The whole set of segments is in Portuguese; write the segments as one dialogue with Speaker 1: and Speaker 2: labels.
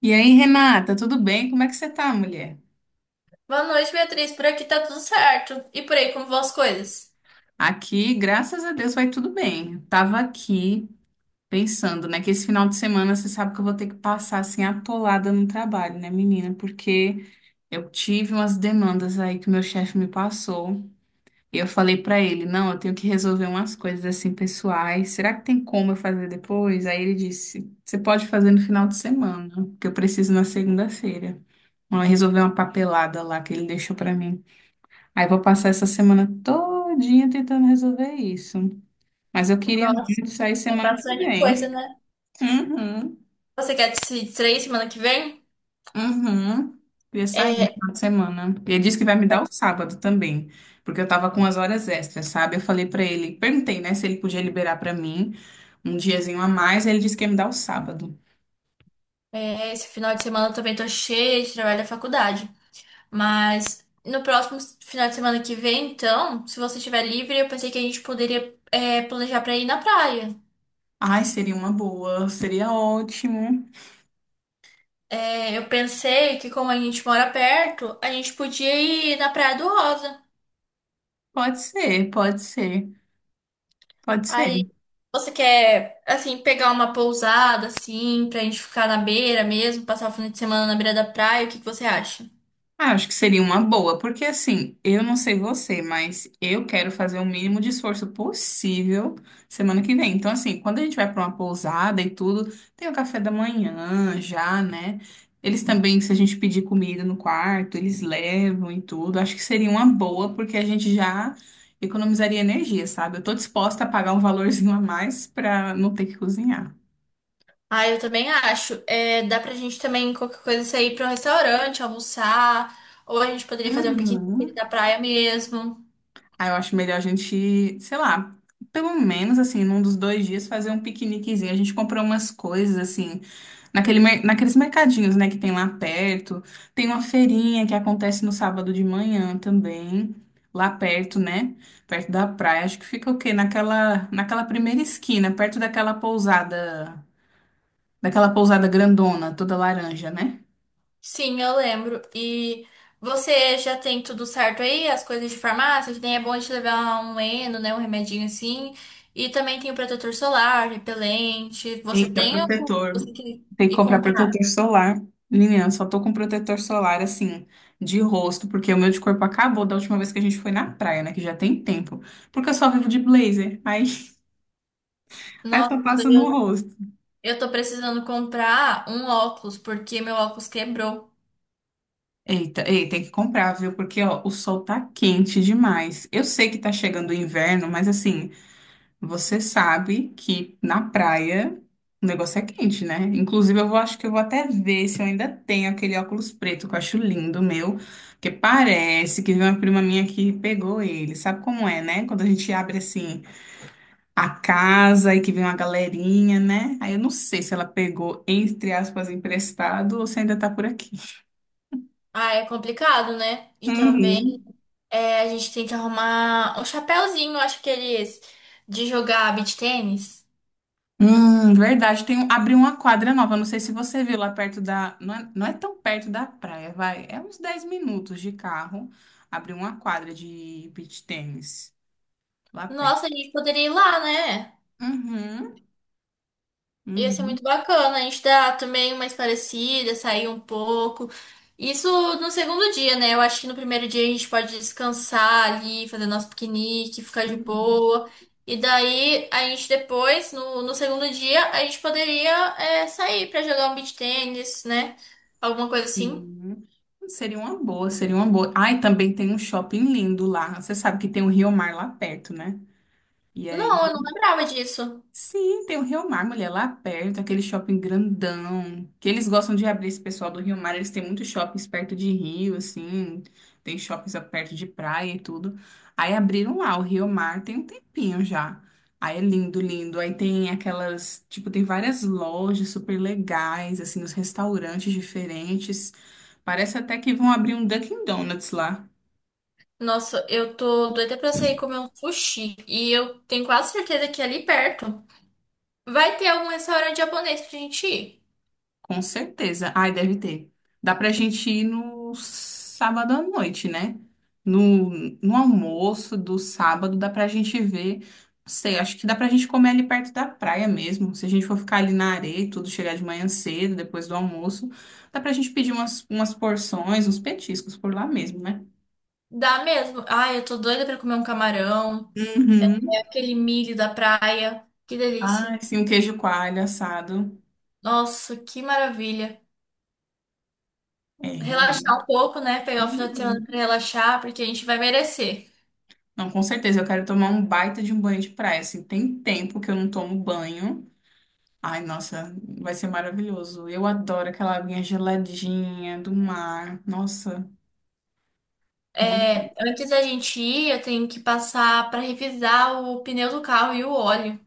Speaker 1: E aí, Renata, tudo bem? Como é que você tá, mulher?
Speaker 2: Boa noite, Beatriz. Por aqui tá tudo certo. E por aí, como vão as coisas?
Speaker 1: Aqui, graças a Deus, vai tudo bem. Tava aqui pensando, né, que esse final de semana você sabe que eu vou ter que passar assim atolada no trabalho, né, menina? Porque eu tive umas demandas aí que o meu chefe me passou. E eu falei pra ele, não, eu tenho que resolver umas coisas assim pessoais. Será que tem como eu fazer depois? Aí ele disse, você pode fazer no final de semana, que eu preciso na segunda-feira. Ó, resolver uma papelada lá que ele deixou pra mim. Aí vou passar essa semana todinha tentando resolver isso. Mas eu queria
Speaker 2: Nossa,
Speaker 1: muito sair
Speaker 2: tá
Speaker 1: semana que
Speaker 2: bastante coisa,
Speaker 1: vem.
Speaker 2: né?
Speaker 1: Uhum,
Speaker 2: Você quer se distrair semana que vem?
Speaker 1: uhum. Queria sair no
Speaker 2: É,
Speaker 1: final de semana. E ele disse que vai me dar o sábado também, porque eu tava com umas horas extras, sabe? Eu falei pra ele, perguntei, né, se ele podia liberar pra mim um diazinho a mais. Ele disse que ia me dar o sábado.
Speaker 2: esse final de semana eu também tô cheia de trabalho da faculdade. Mas no próximo final de semana que vem, então, se você estiver livre, eu pensei que a gente poderia, planejar pra ir na praia.
Speaker 1: Ai, seria uma boa, seria ótimo.
Speaker 2: É, eu pensei que como a gente mora perto, a gente podia ir na Praia do Rosa.
Speaker 1: Pode ser, pode ser, pode ser.
Speaker 2: Aí você quer, assim, pegar uma pousada, assim, pra gente ficar na beira mesmo, passar o fim de semana na beira da praia, o que que você acha?
Speaker 1: Ah, acho que seria uma boa, porque assim, eu não sei você, mas eu quero fazer o mínimo de esforço possível semana que vem. Então, assim, quando a gente vai para uma pousada e tudo, tem o café da manhã já, né? Eles também, se a gente pedir comida no quarto, eles levam e tudo. Acho que seria uma boa, porque a gente já economizaria energia, sabe? Eu tô disposta a pagar um valorzinho a mais para não ter que cozinhar.
Speaker 2: Ah, eu também acho. É, dá pra gente também, qualquer coisa, sair pra um restaurante, almoçar, ou a gente poderia fazer um piquenique
Speaker 1: Uhum.
Speaker 2: na praia mesmo.
Speaker 1: Aí eu acho melhor a gente, sei lá, pelo menos assim, num dos dois dias fazer um piqueniquezinho. A gente comprou umas coisas assim, naqueles mercadinhos, né, que tem lá perto. Tem uma feirinha que acontece no sábado de manhã também, lá perto, né, perto da praia. Acho que fica o quê? Naquela primeira esquina, perto daquela pousada grandona, toda laranja, né?
Speaker 2: Sim, eu lembro. E você já tem tudo certo aí? As coisas de farmácia? Que nem é bom a gente levar um Eno, né? Um remedinho assim. E também tem o protetor solar, repelente. Você
Speaker 1: Eita,
Speaker 2: tem ou você
Speaker 1: protetor.
Speaker 2: tem que
Speaker 1: Tem que
Speaker 2: ir
Speaker 1: comprar protetor
Speaker 2: comprar?
Speaker 1: solar. Menina, eu só tô com protetor solar, assim, de rosto, porque o meu de corpo acabou da última vez que a gente foi na praia, né? Que já tem tempo. Porque eu só vivo de blazer. Aí, aí
Speaker 2: Nossa,
Speaker 1: só passo no
Speaker 2: eu,
Speaker 1: rosto.
Speaker 2: eu tô precisando comprar um óculos, porque meu óculos quebrou.
Speaker 1: Eita, ei, tem que comprar, viu? Porque, ó, o sol tá quente demais. Eu sei que tá chegando o inverno, mas, assim, você sabe que na praia o negócio é quente, né? Inclusive, eu vou, acho que eu vou até ver se eu ainda tenho aquele óculos preto que eu acho lindo, meu. Porque parece que veio uma prima minha que pegou ele. Sabe como é, né? Quando a gente abre assim a casa e que vem uma galerinha, né? Aí eu não sei se ela pegou, entre aspas, emprestado ou se ainda tá por aqui.
Speaker 2: Ah, é complicado, né? E também
Speaker 1: Uhum.
Speaker 2: a gente tem que arrumar um chapéuzinho, acho que eles, de jogar beach tênis.
Speaker 1: Verdade. Tem um, abriu uma quadra nova. Não sei se você viu lá perto da. Não é, não é tão perto da praia, vai. É uns 10 minutos de carro. Abriu uma quadra de beach tênis lá perto.
Speaker 2: Nossa, a gente poderia ir lá, né?
Speaker 1: Uhum,
Speaker 2: Ia ser
Speaker 1: uhum,
Speaker 2: muito bacana, a gente dá também umas parecidas, sair um pouco. Isso no segundo dia, né? Eu acho que no primeiro dia a gente pode descansar ali, fazer nosso piquenique, ficar de
Speaker 1: uhum,
Speaker 2: boa. E daí a gente depois, no segundo dia, a gente poderia sair pra jogar um beach tênis, né? Alguma coisa assim.
Speaker 1: sim. Seria uma boa, seria uma boa. Ai também tem um shopping lindo lá. Você sabe que tem o Rio Mar lá perto, né? E aí
Speaker 2: Não, eu não lembrava disso.
Speaker 1: sim, tem o Rio Mar, mulher, lá perto, aquele shopping grandão, que eles gostam de abrir esse pessoal do Rio Mar, eles têm muitos shoppings perto de rio, assim, tem shoppings perto de praia e tudo. Aí abriram lá o Rio Mar, tem um tempinho já. Aí é lindo, lindo. Aí tem aquelas, tipo, tem várias lojas super legais, assim, os restaurantes diferentes. Parece até que vão abrir um Dunkin' Donuts lá.
Speaker 2: Nossa, eu tô doida pra sair comer um sushi. E eu tenho quase certeza que é ali perto vai ter algum restaurante japonês pra gente ir.
Speaker 1: Com certeza. Ai, deve ter. Dá pra gente ir no sábado à noite, né? No, no almoço do sábado, dá pra gente ver. Não sei, acho que dá pra gente comer ali perto da praia mesmo. Se a gente for ficar ali na areia e tudo, chegar de manhã cedo, depois do almoço, dá pra gente pedir umas porções, uns petiscos por lá mesmo, né?
Speaker 2: Dá mesmo. Ai, eu tô doida pra comer um camarão,
Speaker 1: Uhum.
Speaker 2: aquele milho da praia. Que delícia.
Speaker 1: Ai, sim, um queijo coalho assado.
Speaker 2: Nossa, que maravilha.
Speaker 1: É, realmente.
Speaker 2: Relaxar um pouco, né? Pegar o final de semana pra
Speaker 1: Uhum.
Speaker 2: relaxar, porque a gente vai merecer.
Speaker 1: Não, com certeza, eu quero tomar um baita de um banho de praia, assim, tem tempo que eu não tomo banho. Ai, nossa, vai ser maravilhoso. Eu adoro aquela aguinha geladinha do mar. Nossa,
Speaker 2: É,
Speaker 1: muito-
Speaker 2: antes da gente ir, eu tenho que passar pra revisar o pneu do carro e o óleo,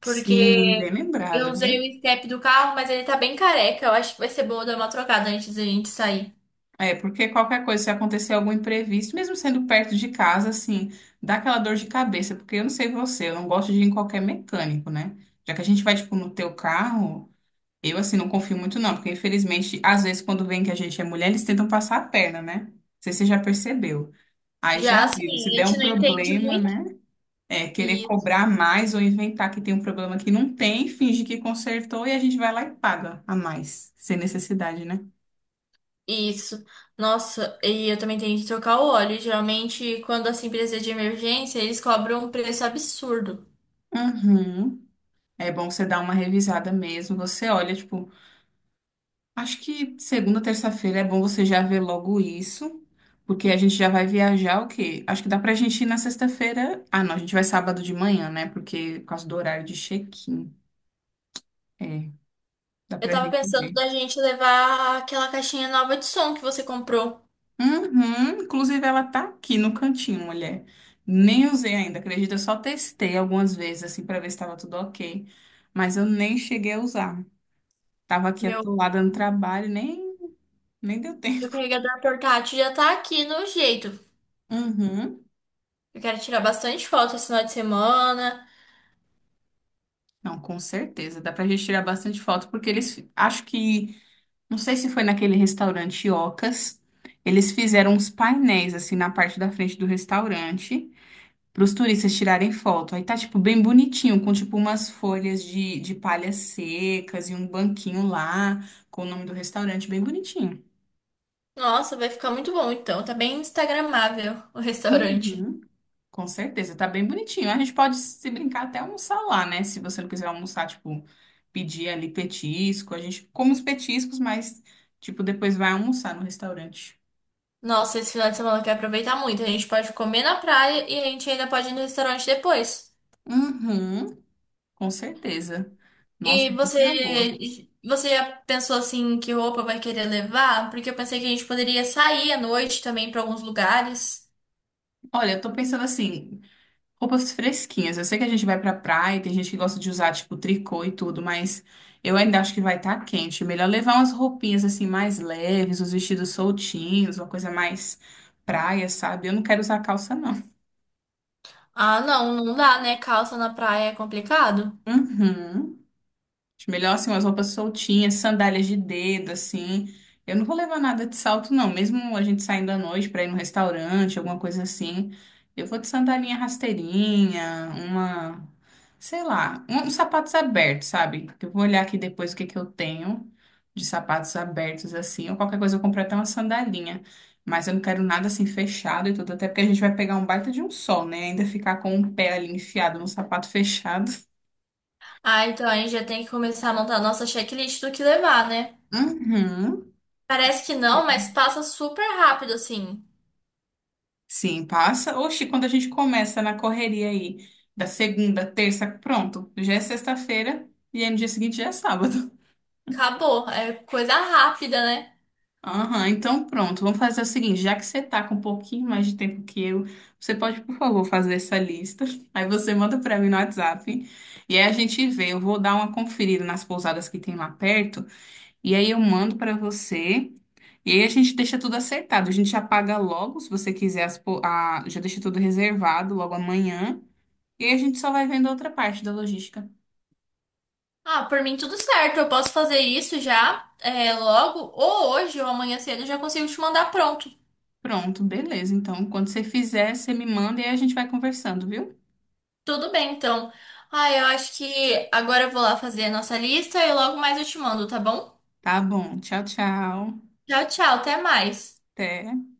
Speaker 1: sim, bem
Speaker 2: eu
Speaker 1: lembrado,
Speaker 2: usei
Speaker 1: viu?
Speaker 2: o step do carro, mas ele tá bem careca. Eu acho que vai ser boa dar uma trocada antes da gente sair.
Speaker 1: É, porque qualquer coisa, se acontecer algum imprevisto, mesmo sendo perto de casa, assim, dá aquela dor de cabeça, porque eu não sei você, eu não gosto de ir em qualquer mecânico, né? Já que a gente vai, tipo, no teu carro. Eu, assim, não confio muito, não, porque infelizmente, às vezes, quando vem que a gente é mulher, eles tentam passar a perna, né? Não sei se você já percebeu. Aí já
Speaker 2: Já
Speaker 1: viu, se
Speaker 2: assim, a
Speaker 1: der
Speaker 2: gente
Speaker 1: um
Speaker 2: não entende
Speaker 1: problema,
Speaker 2: muito.
Speaker 1: né? É querer cobrar mais ou inventar que tem um problema que não tem, finge que consertou e a gente vai lá e paga a mais, sem necessidade, né?
Speaker 2: Isso. Nossa, e eu também tenho que trocar o óleo. Geralmente, quando assim precisa de emergência, eles cobram um preço absurdo.
Speaker 1: Uhum. É bom você dar uma revisada mesmo. Você olha, tipo, acho que segunda, terça-feira é bom você já ver logo isso, porque a gente já vai viajar o quê? Acho que dá pra gente ir na sexta-feira. Ah, não, a gente vai sábado de manhã, né? Porque por causa do horário de check-in. É, dá
Speaker 2: Eu
Speaker 1: pra
Speaker 2: tava
Speaker 1: gente
Speaker 2: pensando
Speaker 1: ver.
Speaker 2: da gente levar aquela caixinha nova de som que você comprou.
Speaker 1: Uhum, inclusive ela tá aqui no cantinho, mulher. Nem usei ainda, acredita? Eu só testei algumas vezes, assim, pra ver se tava tudo ok. Mas eu nem cheguei a usar. Tava aqui
Speaker 2: Meu,
Speaker 1: atolada no trabalho, nem deu
Speaker 2: meu
Speaker 1: tempo.
Speaker 2: carregador portátil já tá aqui no jeito.
Speaker 1: Uhum.
Speaker 2: Eu quero tirar bastante foto esse final de semana.
Speaker 1: Não, com certeza. Dá pra gente tirar bastante foto, porque eles, acho que, não sei se foi naquele restaurante Ocas, eles fizeram uns painéis, assim, na parte da frente do restaurante, pros turistas tirarem foto. Aí tá, tipo, bem bonitinho, com, tipo, umas folhas de palhas secas e um banquinho lá, com o nome do restaurante, bem bonitinho.
Speaker 2: Nossa, vai ficar muito bom então. Tá bem instagramável o restaurante.
Speaker 1: Uhum. Com certeza, tá bem bonitinho. A gente pode se brincar até almoçar lá, né? Se você não quiser almoçar, tipo, pedir ali petisco. A gente come os petiscos, mas, tipo, depois vai almoçar no restaurante.
Speaker 2: Nossa, esse final de semana eu quero aproveitar muito. A gente pode comer na praia e a gente ainda pode ir no restaurante depois.
Speaker 1: Uhum, com certeza. Nossa,
Speaker 2: E
Speaker 1: vai ser uma boa.
Speaker 2: você já pensou assim que roupa vai querer levar? Porque eu pensei que a gente poderia sair à noite também para alguns lugares.
Speaker 1: Olha, eu tô pensando assim, roupas fresquinhas. Eu sei que a gente vai pra praia, tem gente que gosta de usar, tipo, tricô e tudo, mas eu ainda acho que vai estar tá quente. Melhor levar umas roupinhas, assim, mais leves, uns vestidos soltinhos, uma coisa mais praia, sabe? Eu não quero usar calça, não.
Speaker 2: Ah, não, não dá, né? Calça na praia é complicado.
Speaker 1: Uhum. Acho melhor assim, umas roupas soltinhas, sandálias de dedo, assim. Eu não vou levar nada de salto, não. Mesmo a gente saindo à noite pra ir no restaurante, alguma coisa assim. Eu vou de sandalinha rasteirinha, uma, sei lá, uns sapatos abertos, sabe? Eu vou olhar aqui depois o que que eu tenho de sapatos abertos, assim. Ou qualquer coisa eu compro até uma sandalinha. Mas eu não quero nada assim fechado e tudo, até porque a gente vai pegar um baita de um sol, né? Ainda ficar com o pé ali enfiado num sapato fechado.
Speaker 2: Ah, então a gente já tem que começar a montar a nossa checklist do que levar, né?
Speaker 1: Uhum.
Speaker 2: Parece que não, mas passa super rápido assim.
Speaker 1: Sim, passa. Oxi, quando a gente começa na correria aí, da segunda, terça, pronto, já é sexta-feira e aí no dia seguinte já é sábado.
Speaker 2: Acabou, é coisa rápida, né?
Speaker 1: Aham, então pronto, vamos fazer o seguinte, já que você tá com um pouquinho mais de tempo que eu, você pode, por favor, fazer essa lista. Aí você manda pra mim no WhatsApp e aí a gente vê, eu vou dar uma conferida nas pousadas que tem lá perto e aí eu mando pra você. E aí a gente deixa tudo acertado, a gente já paga logo, se você quiser, já deixa tudo reservado logo amanhã. E aí a gente só vai vendo outra parte da logística.
Speaker 2: Ah, por mim tudo certo, eu posso fazer isso já, logo, ou hoje ou amanhã cedo eu já consigo te mandar pronto.
Speaker 1: Pronto, beleza. Então, quando você fizer, você me manda e aí a gente vai conversando, viu?
Speaker 2: Tudo bem, então. Ah, eu acho que agora eu vou lá fazer a nossa lista e logo mais eu te mando, tá bom?
Speaker 1: Tá bom. Tchau, tchau.
Speaker 2: Tchau, tchau, até mais.
Speaker 1: Até.